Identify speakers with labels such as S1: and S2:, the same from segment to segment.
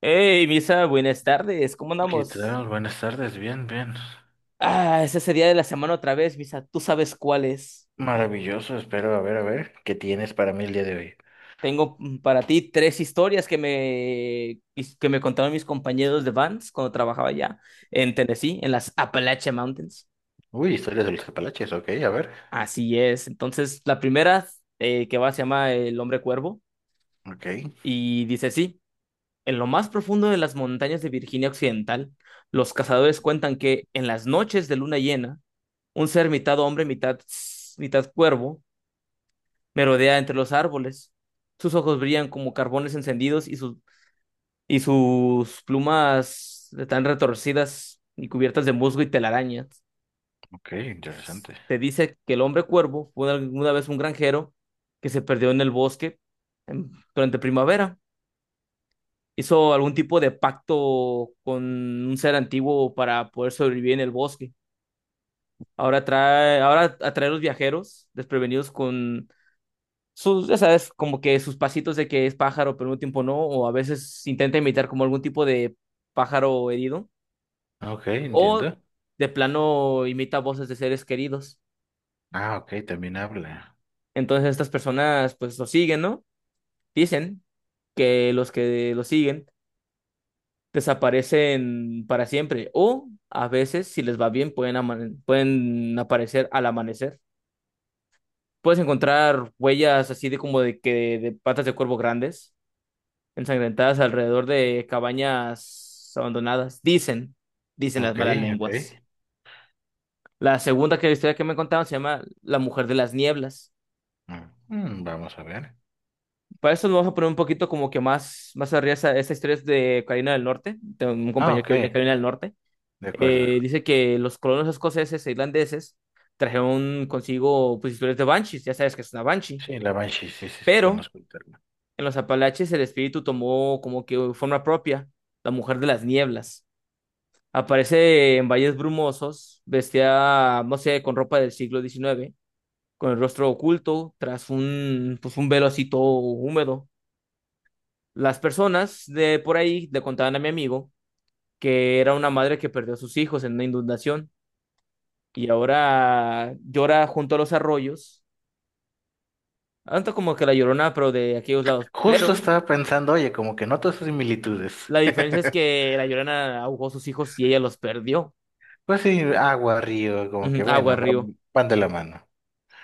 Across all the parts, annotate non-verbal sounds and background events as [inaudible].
S1: Hey, Misa, buenas tardes, ¿cómo
S2: ¿Qué
S1: andamos?
S2: tal? Buenas tardes, bien, bien.
S1: Ah, es ese día de la semana otra vez, Misa, tú sabes cuál es.
S2: Maravilloso, espero, a ver, ¿qué tienes para mí el día de hoy?
S1: Tengo para ti tres historias que me contaron mis compañeros de Vans cuando trabajaba allá en Tennessee, en las Appalachian Mountains.
S2: Uy, historias de los Apalaches, ok, a ver.
S1: Así es, entonces la primera que va se llama El Hombre Cuervo
S2: Ok,
S1: y dice así, en lo más profundo de las montañas de Virginia Occidental, los cazadores cuentan que en las noches de luna llena, un ser mitad hombre, mitad cuervo, merodea entre los árboles. Sus ojos brillan como carbones encendidos y sus plumas están retorcidas y cubiertas de musgo y telarañas.
S2: ok, interesante.
S1: Te dice que el hombre cuervo fue alguna vez un granjero que se perdió en el bosque durante primavera. Hizo algún tipo de pacto con un ser antiguo para poder sobrevivir en el bosque. Ahora atrae a los viajeros desprevenidos con sus, ya sabes, como que sus pasitos de que es pájaro, pero en un tiempo no, o a veces intenta imitar como algún tipo de pájaro herido,
S2: Ok,
S1: o
S2: entiendo.
S1: de plano imita voces de seres queridos.
S2: Ah, ok, también habla.
S1: Entonces estas personas pues lo siguen, ¿no? Dicen que los que lo siguen desaparecen para siempre, o a veces, si les va bien, pueden aparecer al amanecer. Puedes encontrar huellas así de como de que de patas de cuervo grandes ensangrentadas alrededor de cabañas abandonadas. Dicen, dicen las
S2: Ok,
S1: malas
S2: ok.
S1: lenguas. La segunda que historia que me contaron se llama La Mujer de las Nieblas.
S2: Mm, mm, vamos a ver.
S1: Para eso nos vamos a poner un poquito como que más, más arriba. Esa historia es de Carolina del Norte, tengo un
S2: Ah,
S1: compañero
S2: ok,
S1: que viene de Carolina del Norte.
S2: de acuerdo.
S1: Dice que los colonos escoceses e irlandeses trajeron consigo pues, historias de banshees, ya sabes que es una banshee.
S2: Sí, la Banshee, sí, sí, sí,
S1: Pero
S2: conozco el término.
S1: en los Apalaches el espíritu tomó como que forma propia, la mujer de las nieblas. Aparece en valles brumosos, vestida, no sé, con ropa del siglo XIX, con el rostro oculto, tras un, pues un velo así todo húmedo. Las personas de por ahí le contaban a mi amigo que era una madre que perdió a sus hijos en una inundación y ahora llora junto a los arroyos, tanto como que la Llorona, pero de aquellos lados.
S2: Justo
S1: Pero
S2: estaba pensando, oye, como que noto esas similitudes.
S1: la
S2: [laughs]
S1: diferencia es que la Llorona ahogó a sus hijos y ella los perdió.
S2: Pues sí, agua, río, como
S1: Ujú,
S2: que
S1: agua,
S2: bueno,
S1: río.
S2: van de la mano.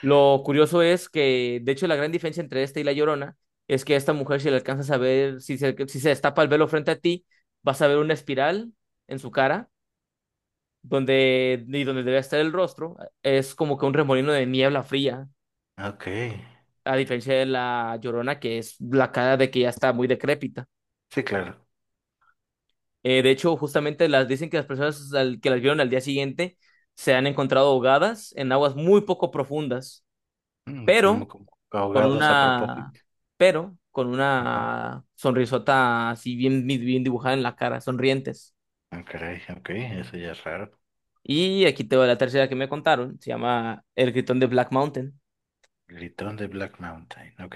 S1: Lo curioso es que, de hecho, la gran diferencia entre esta y la Llorona es que a esta mujer, si le alcanzas a ver, si se destapa el velo frente a ti, vas a ver una espiral en su cara, donde, y donde debe estar el rostro, es como que un remolino de niebla fría,
S2: Ok,
S1: a diferencia de la Llorona, que es la cara de que ya está muy decrépita.
S2: sí, claro.
S1: De hecho, justamente las dicen que las personas que las vieron al día siguiente se han encontrado ahogadas en aguas muy poco profundas,
S2: Mm, mm,
S1: pero
S2: como
S1: con
S2: ahogados a
S1: una,
S2: propósito.
S1: pero con
S2: Ajá.
S1: una sonrisota así bien, bien dibujada en la cara, sonrientes.
S2: Ah, caray, ok, eso ya es raro.
S1: Y aquí te va la tercera que me contaron, se llama El Gritón de Black Mountain.
S2: Gritón de Black Mountain, ok.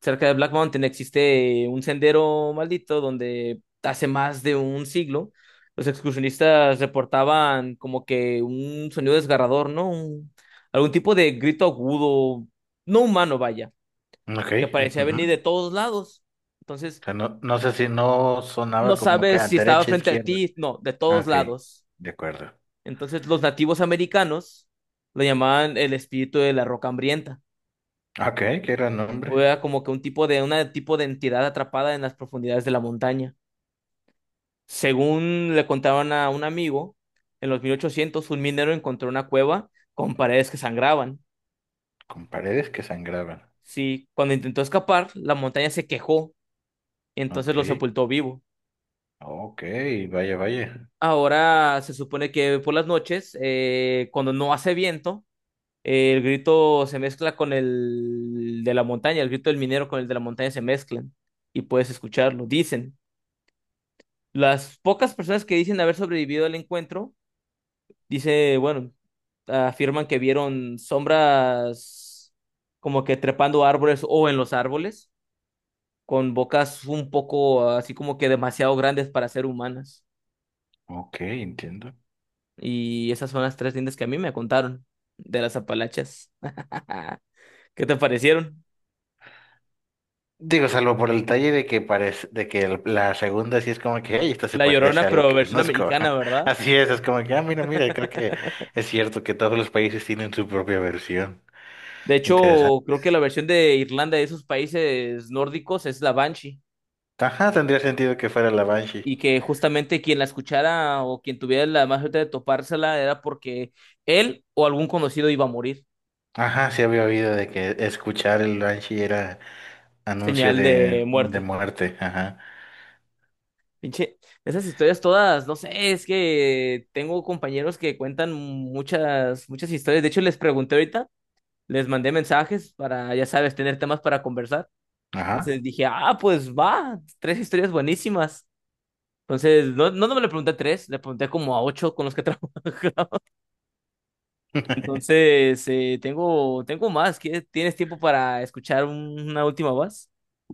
S1: Cerca de Black Mountain existe un sendero maldito donde hace más de un siglo los excursionistas reportaban como que un sonido desgarrador, ¿no? Algún tipo de grito agudo, no humano, vaya,
S2: Ok.
S1: que parecía
S2: Ujú.
S1: venir de todos lados. Entonces,
S2: O sea, no, no sé si no
S1: no
S2: sonaba como que
S1: sabes
S2: a
S1: si estaba
S2: derecha,
S1: frente a
S2: izquierda.
S1: ti, no, de
S2: Ah,
S1: todos
S2: ok,
S1: lados.
S2: de acuerdo.
S1: Entonces los nativos americanos lo llamaban el espíritu de la roca hambrienta,
S2: Ok, qué gran nombre.
S1: o era como que una tipo de entidad atrapada en las profundidades de la montaña. Según le contaban a un amigo, en los 1800 un minero encontró una cueva con paredes que sangraban.
S2: Con paredes que sangraban.
S1: Sí, cuando intentó escapar, la montaña se quejó y entonces
S2: Ok,
S1: lo sepultó vivo.
S2: ok, vaya, vaya.
S1: Ahora se supone que por las noches, cuando no hace viento, el grito se mezcla con el de la montaña, el grito del minero con el de la montaña se mezclan y puedes escucharlo. Dicen, las pocas personas que dicen haber sobrevivido al encuentro, dice, bueno, afirman que vieron sombras como que trepando árboles o en los árboles, con bocas un poco así como que demasiado grandes para ser humanas.
S2: Ok, entiendo.
S1: Y esas son las tres lindas que a mí me contaron de las Apalaches. [laughs] ¿Qué te parecieron?
S2: Digo, salvo por el detalle de que parece, de que el- la segunda sí es como que, hey, esto se
S1: La
S2: parece
S1: Llorona,
S2: a algo
S1: pero
S2: que
S1: versión
S2: conozco.
S1: americana,
S2: [laughs]
S1: ¿verdad?
S2: Así es como que, ah, mira, mira, creo que es cierto que todos los países tienen su propia versión.
S1: De
S2: Interesante.
S1: hecho, creo que la versión de Irlanda de esos países nórdicos es la Banshee.
S2: Ajá, tendría sentido que fuera la
S1: Y
S2: Banshee.
S1: que justamente quien la escuchara o quien tuviera la más suerte de topársela era porque él o algún conocido iba a morir.
S2: Ajá, sí había oído de que escuchar el Banshee era anuncio
S1: Señal de
S2: de
S1: muerte.
S2: muerte. Ajá,
S1: Pinche, esas historias todas, no sé, es que tengo compañeros que cuentan muchas, muchas historias. De hecho, les pregunté ahorita, les mandé mensajes para, ya sabes, tener temas para conversar. Entonces
S2: ajá.
S1: dije, ah, pues va, tres historias buenísimas. Entonces, no, no, no me le pregunté a tres, le pregunté como a ocho con los que trabajo. [laughs]
S2: [laughs]
S1: Entonces, tengo más. ¿Tienes tiempo para escuchar una última voz?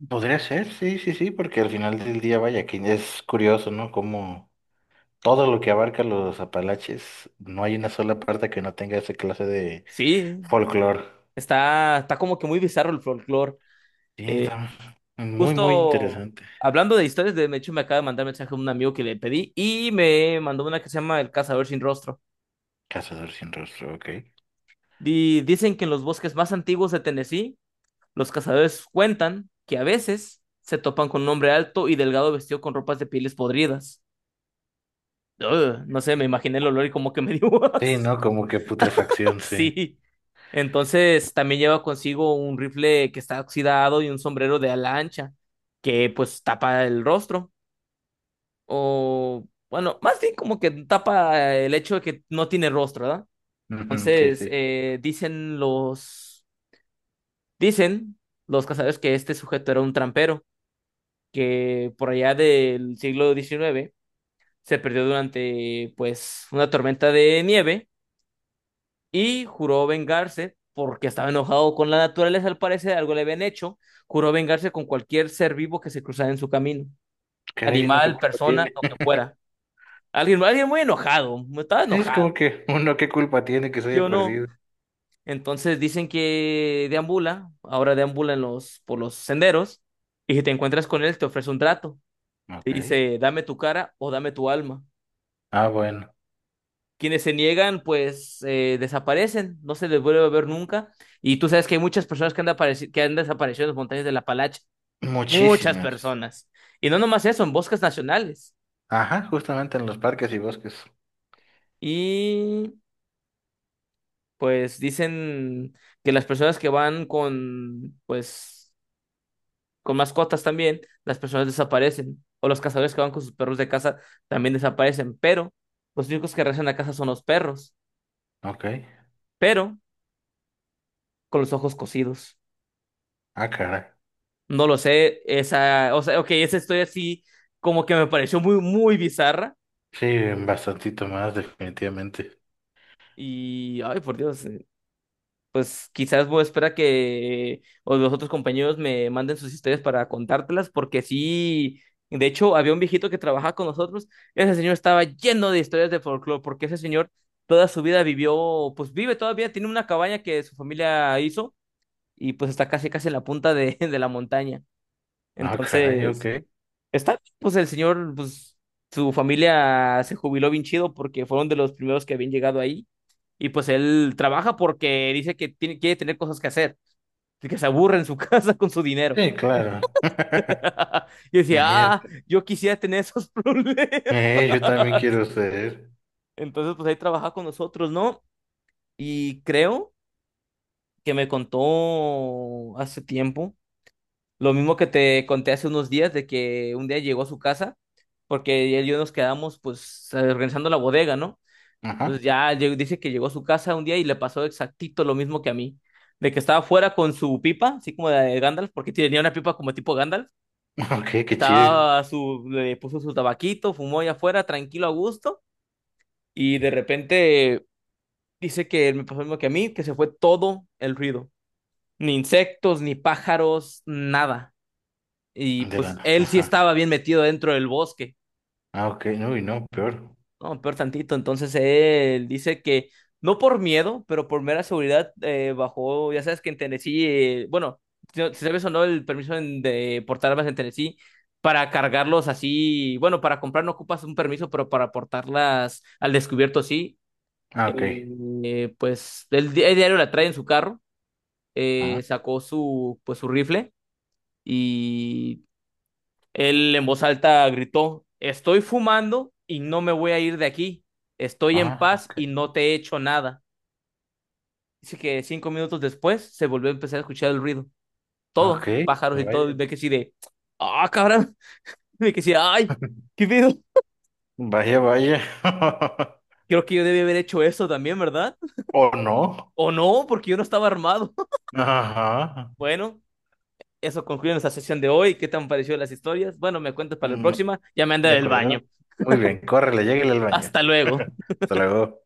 S2: Podría ser, sí, sí, sí, porque al final del día, vaya, que es curioso, ¿no? Cómo. Todo lo que abarca los Apalaches, no hay una sola parte que no tenga esa clase de
S1: Sí,
S2: folclore.
S1: está como que muy bizarro el folclore.
S2: Sí,
S1: Eh,
S2: está muy, muy
S1: Justo
S2: interesante.
S1: hablando de historias, de hecho me acaba de mandar mensaje un amigo que le pedí y me mandó una que se llama El cazador sin rostro.
S2: Cazador sin rostro, ok.
S1: Dicen que en los bosques más antiguos de Tennessee, los cazadores cuentan que a veces se topan con un hombre alto y delgado vestido con ropas de pieles podridas. Ugh, no sé, me imaginé el olor y como que me dio [laughs]
S2: Sí, ¿no?
S1: asco.
S2: Como que putrefacción, sí.
S1: Sí. Entonces también lleva consigo un rifle que está oxidado y un sombrero de ala ancha que pues tapa el rostro. O bueno, más bien como que tapa el hecho de que no tiene rostro, ¿verdad?
S2: Ujú, sí,
S1: Entonces
S2: sí.
S1: Dicen los cazadores que este sujeto era un trampero que por allá del siglo XIX se perdió durante pues una tormenta de nieve y juró vengarse porque estaba enojado con la naturaleza, al parecer algo le habían hecho, juró vengarse con cualquier ser vivo que se cruzara en su camino,
S2: Caray, ¿uno qué
S1: animal,
S2: culpa
S1: persona,
S2: tiene?
S1: lo que
S2: [laughs]
S1: fuera. Alguien muy enojado, estaba
S2: Sí, es
S1: enojado,
S2: como que uno qué culpa tiene que se
S1: ¿sí
S2: haya
S1: o no?
S2: perdido.
S1: Entonces dicen que deambula, ahora deambula en los, por los senderos, y si te encuentras con él, te ofrece un trato. Te
S2: Ok.
S1: dice, dame tu cara o dame tu alma.
S2: Ah, bueno.
S1: Quienes se niegan, pues desaparecen, no se les vuelve a ver nunca. Y tú sabes que hay muchas personas que han desaparecido en las montañas de la Palacha, muchas
S2: Muchísimas.
S1: personas. Y no nomás eso, en bosques nacionales.
S2: Ajá, justamente en los parques y bosques.
S1: Y pues dicen que las personas que van con, pues, con mascotas también, las personas desaparecen. O los cazadores que van con sus perros de casa también desaparecen. Pero los únicos que regresan a casa son los perros,
S2: Ok.
S1: pero con los ojos cosidos.
S2: Ah, caray.
S1: No lo sé, esa, o sea, ok, esa historia así como que me pareció muy, muy bizarra
S2: Sí, bastantito más, definitivamente.
S1: y, ay, por Dios, pues quizás voy a esperar que o los otros compañeros me manden sus historias para contártelas, porque sí, de hecho, había un viejito que trabajaba con nosotros, ese señor estaba lleno de historias de folclore, porque ese señor toda su vida vivió, pues vive todavía, tiene una cabaña que su familia hizo y pues está casi, casi en la punta de, [laughs] de la montaña.
S2: Ah, caray, ok.
S1: Entonces... Está, pues el señor, pues su familia se jubiló bien chido porque fueron de los primeros que habían llegado ahí y pues él trabaja porque dice que tiene, quiere tener cosas que hacer, que se aburre en su [laughs] casa con su dinero.
S2: Sí,
S1: [laughs]
S2: claro. [laughs]
S1: Y decía, ah,
S2: Imagínate.
S1: yo quisiera tener esos [laughs] problemas.
S2: Yo también quiero ser.
S1: Entonces, pues ahí trabaja con nosotros, ¿no? Y creo que me contó hace tiempo, lo mismo que te conté hace unos días, de que un día llegó a su casa porque él y yo nos quedamos pues organizando la bodega, ¿no?
S2: Ajá.
S1: Entonces ya dice que llegó a su casa un día y le pasó exactito lo mismo que a mí. De que estaba fuera con su pipa, así como de Gandalf, porque tenía una pipa como tipo Gandalf.
S2: [laughs] Ok, qué chido.
S1: Estaba su, le puso su tabaquito, fumó allá afuera, tranquilo, a gusto. Y de repente dice que me pasó lo mismo que a mí, que se fue todo el ruido. Ni insectos, ni pájaros, nada. Y
S2: De la...
S1: pues él sí
S2: Ajá.
S1: estaba bien metido dentro del bosque.
S2: Ah, ok. Uy, no, peor.
S1: No, peor tantito. Entonces él dice que no por miedo, pero por mera seguridad bajó. Ya sabes que en Tennessee, bueno, si si sabes o no el permiso de portar armas en Tennessee, para cargarlos así, bueno, para comprar no ocupas un permiso, pero para portarlas al descubierto sí.
S2: Ah, ok.
S1: Eh, pues el diario la trae en su carro,
S2: Ajá.
S1: sacó su, pues, su rifle él en voz alta gritó, estoy fumando y no me voy a ir de aquí. Estoy en
S2: Ah,
S1: paz
S2: ok.
S1: y no te he hecho nada. Dice que 5 minutos después se volvió a empezar a escuchar el ruido. Todo,
S2: Ok.
S1: pájaros y todo. Y
S2: Vaya.
S1: ve que sí de, ah, cabrón. [laughs] Ve que sí, ay,
S2: [laughs]
S1: qué pedo.
S2: Vaya, vaya. [laughs]
S1: Creo que yo debí haber hecho eso también, ¿verdad?
S2: ¿O no?
S1: O no, porque yo no estaba armado. [laughs]
S2: Ajá.
S1: Bueno, eso concluye nuestra sesión de hoy. ¿Qué te han parecido las historias? Bueno, me cuentas para la
S2: Mm,
S1: próxima. Ya me anda
S2: de
S1: del baño.
S2: acuerdo. Muy bien, córrele, lléguele al baño.
S1: Hasta luego.
S2: Hasta luego.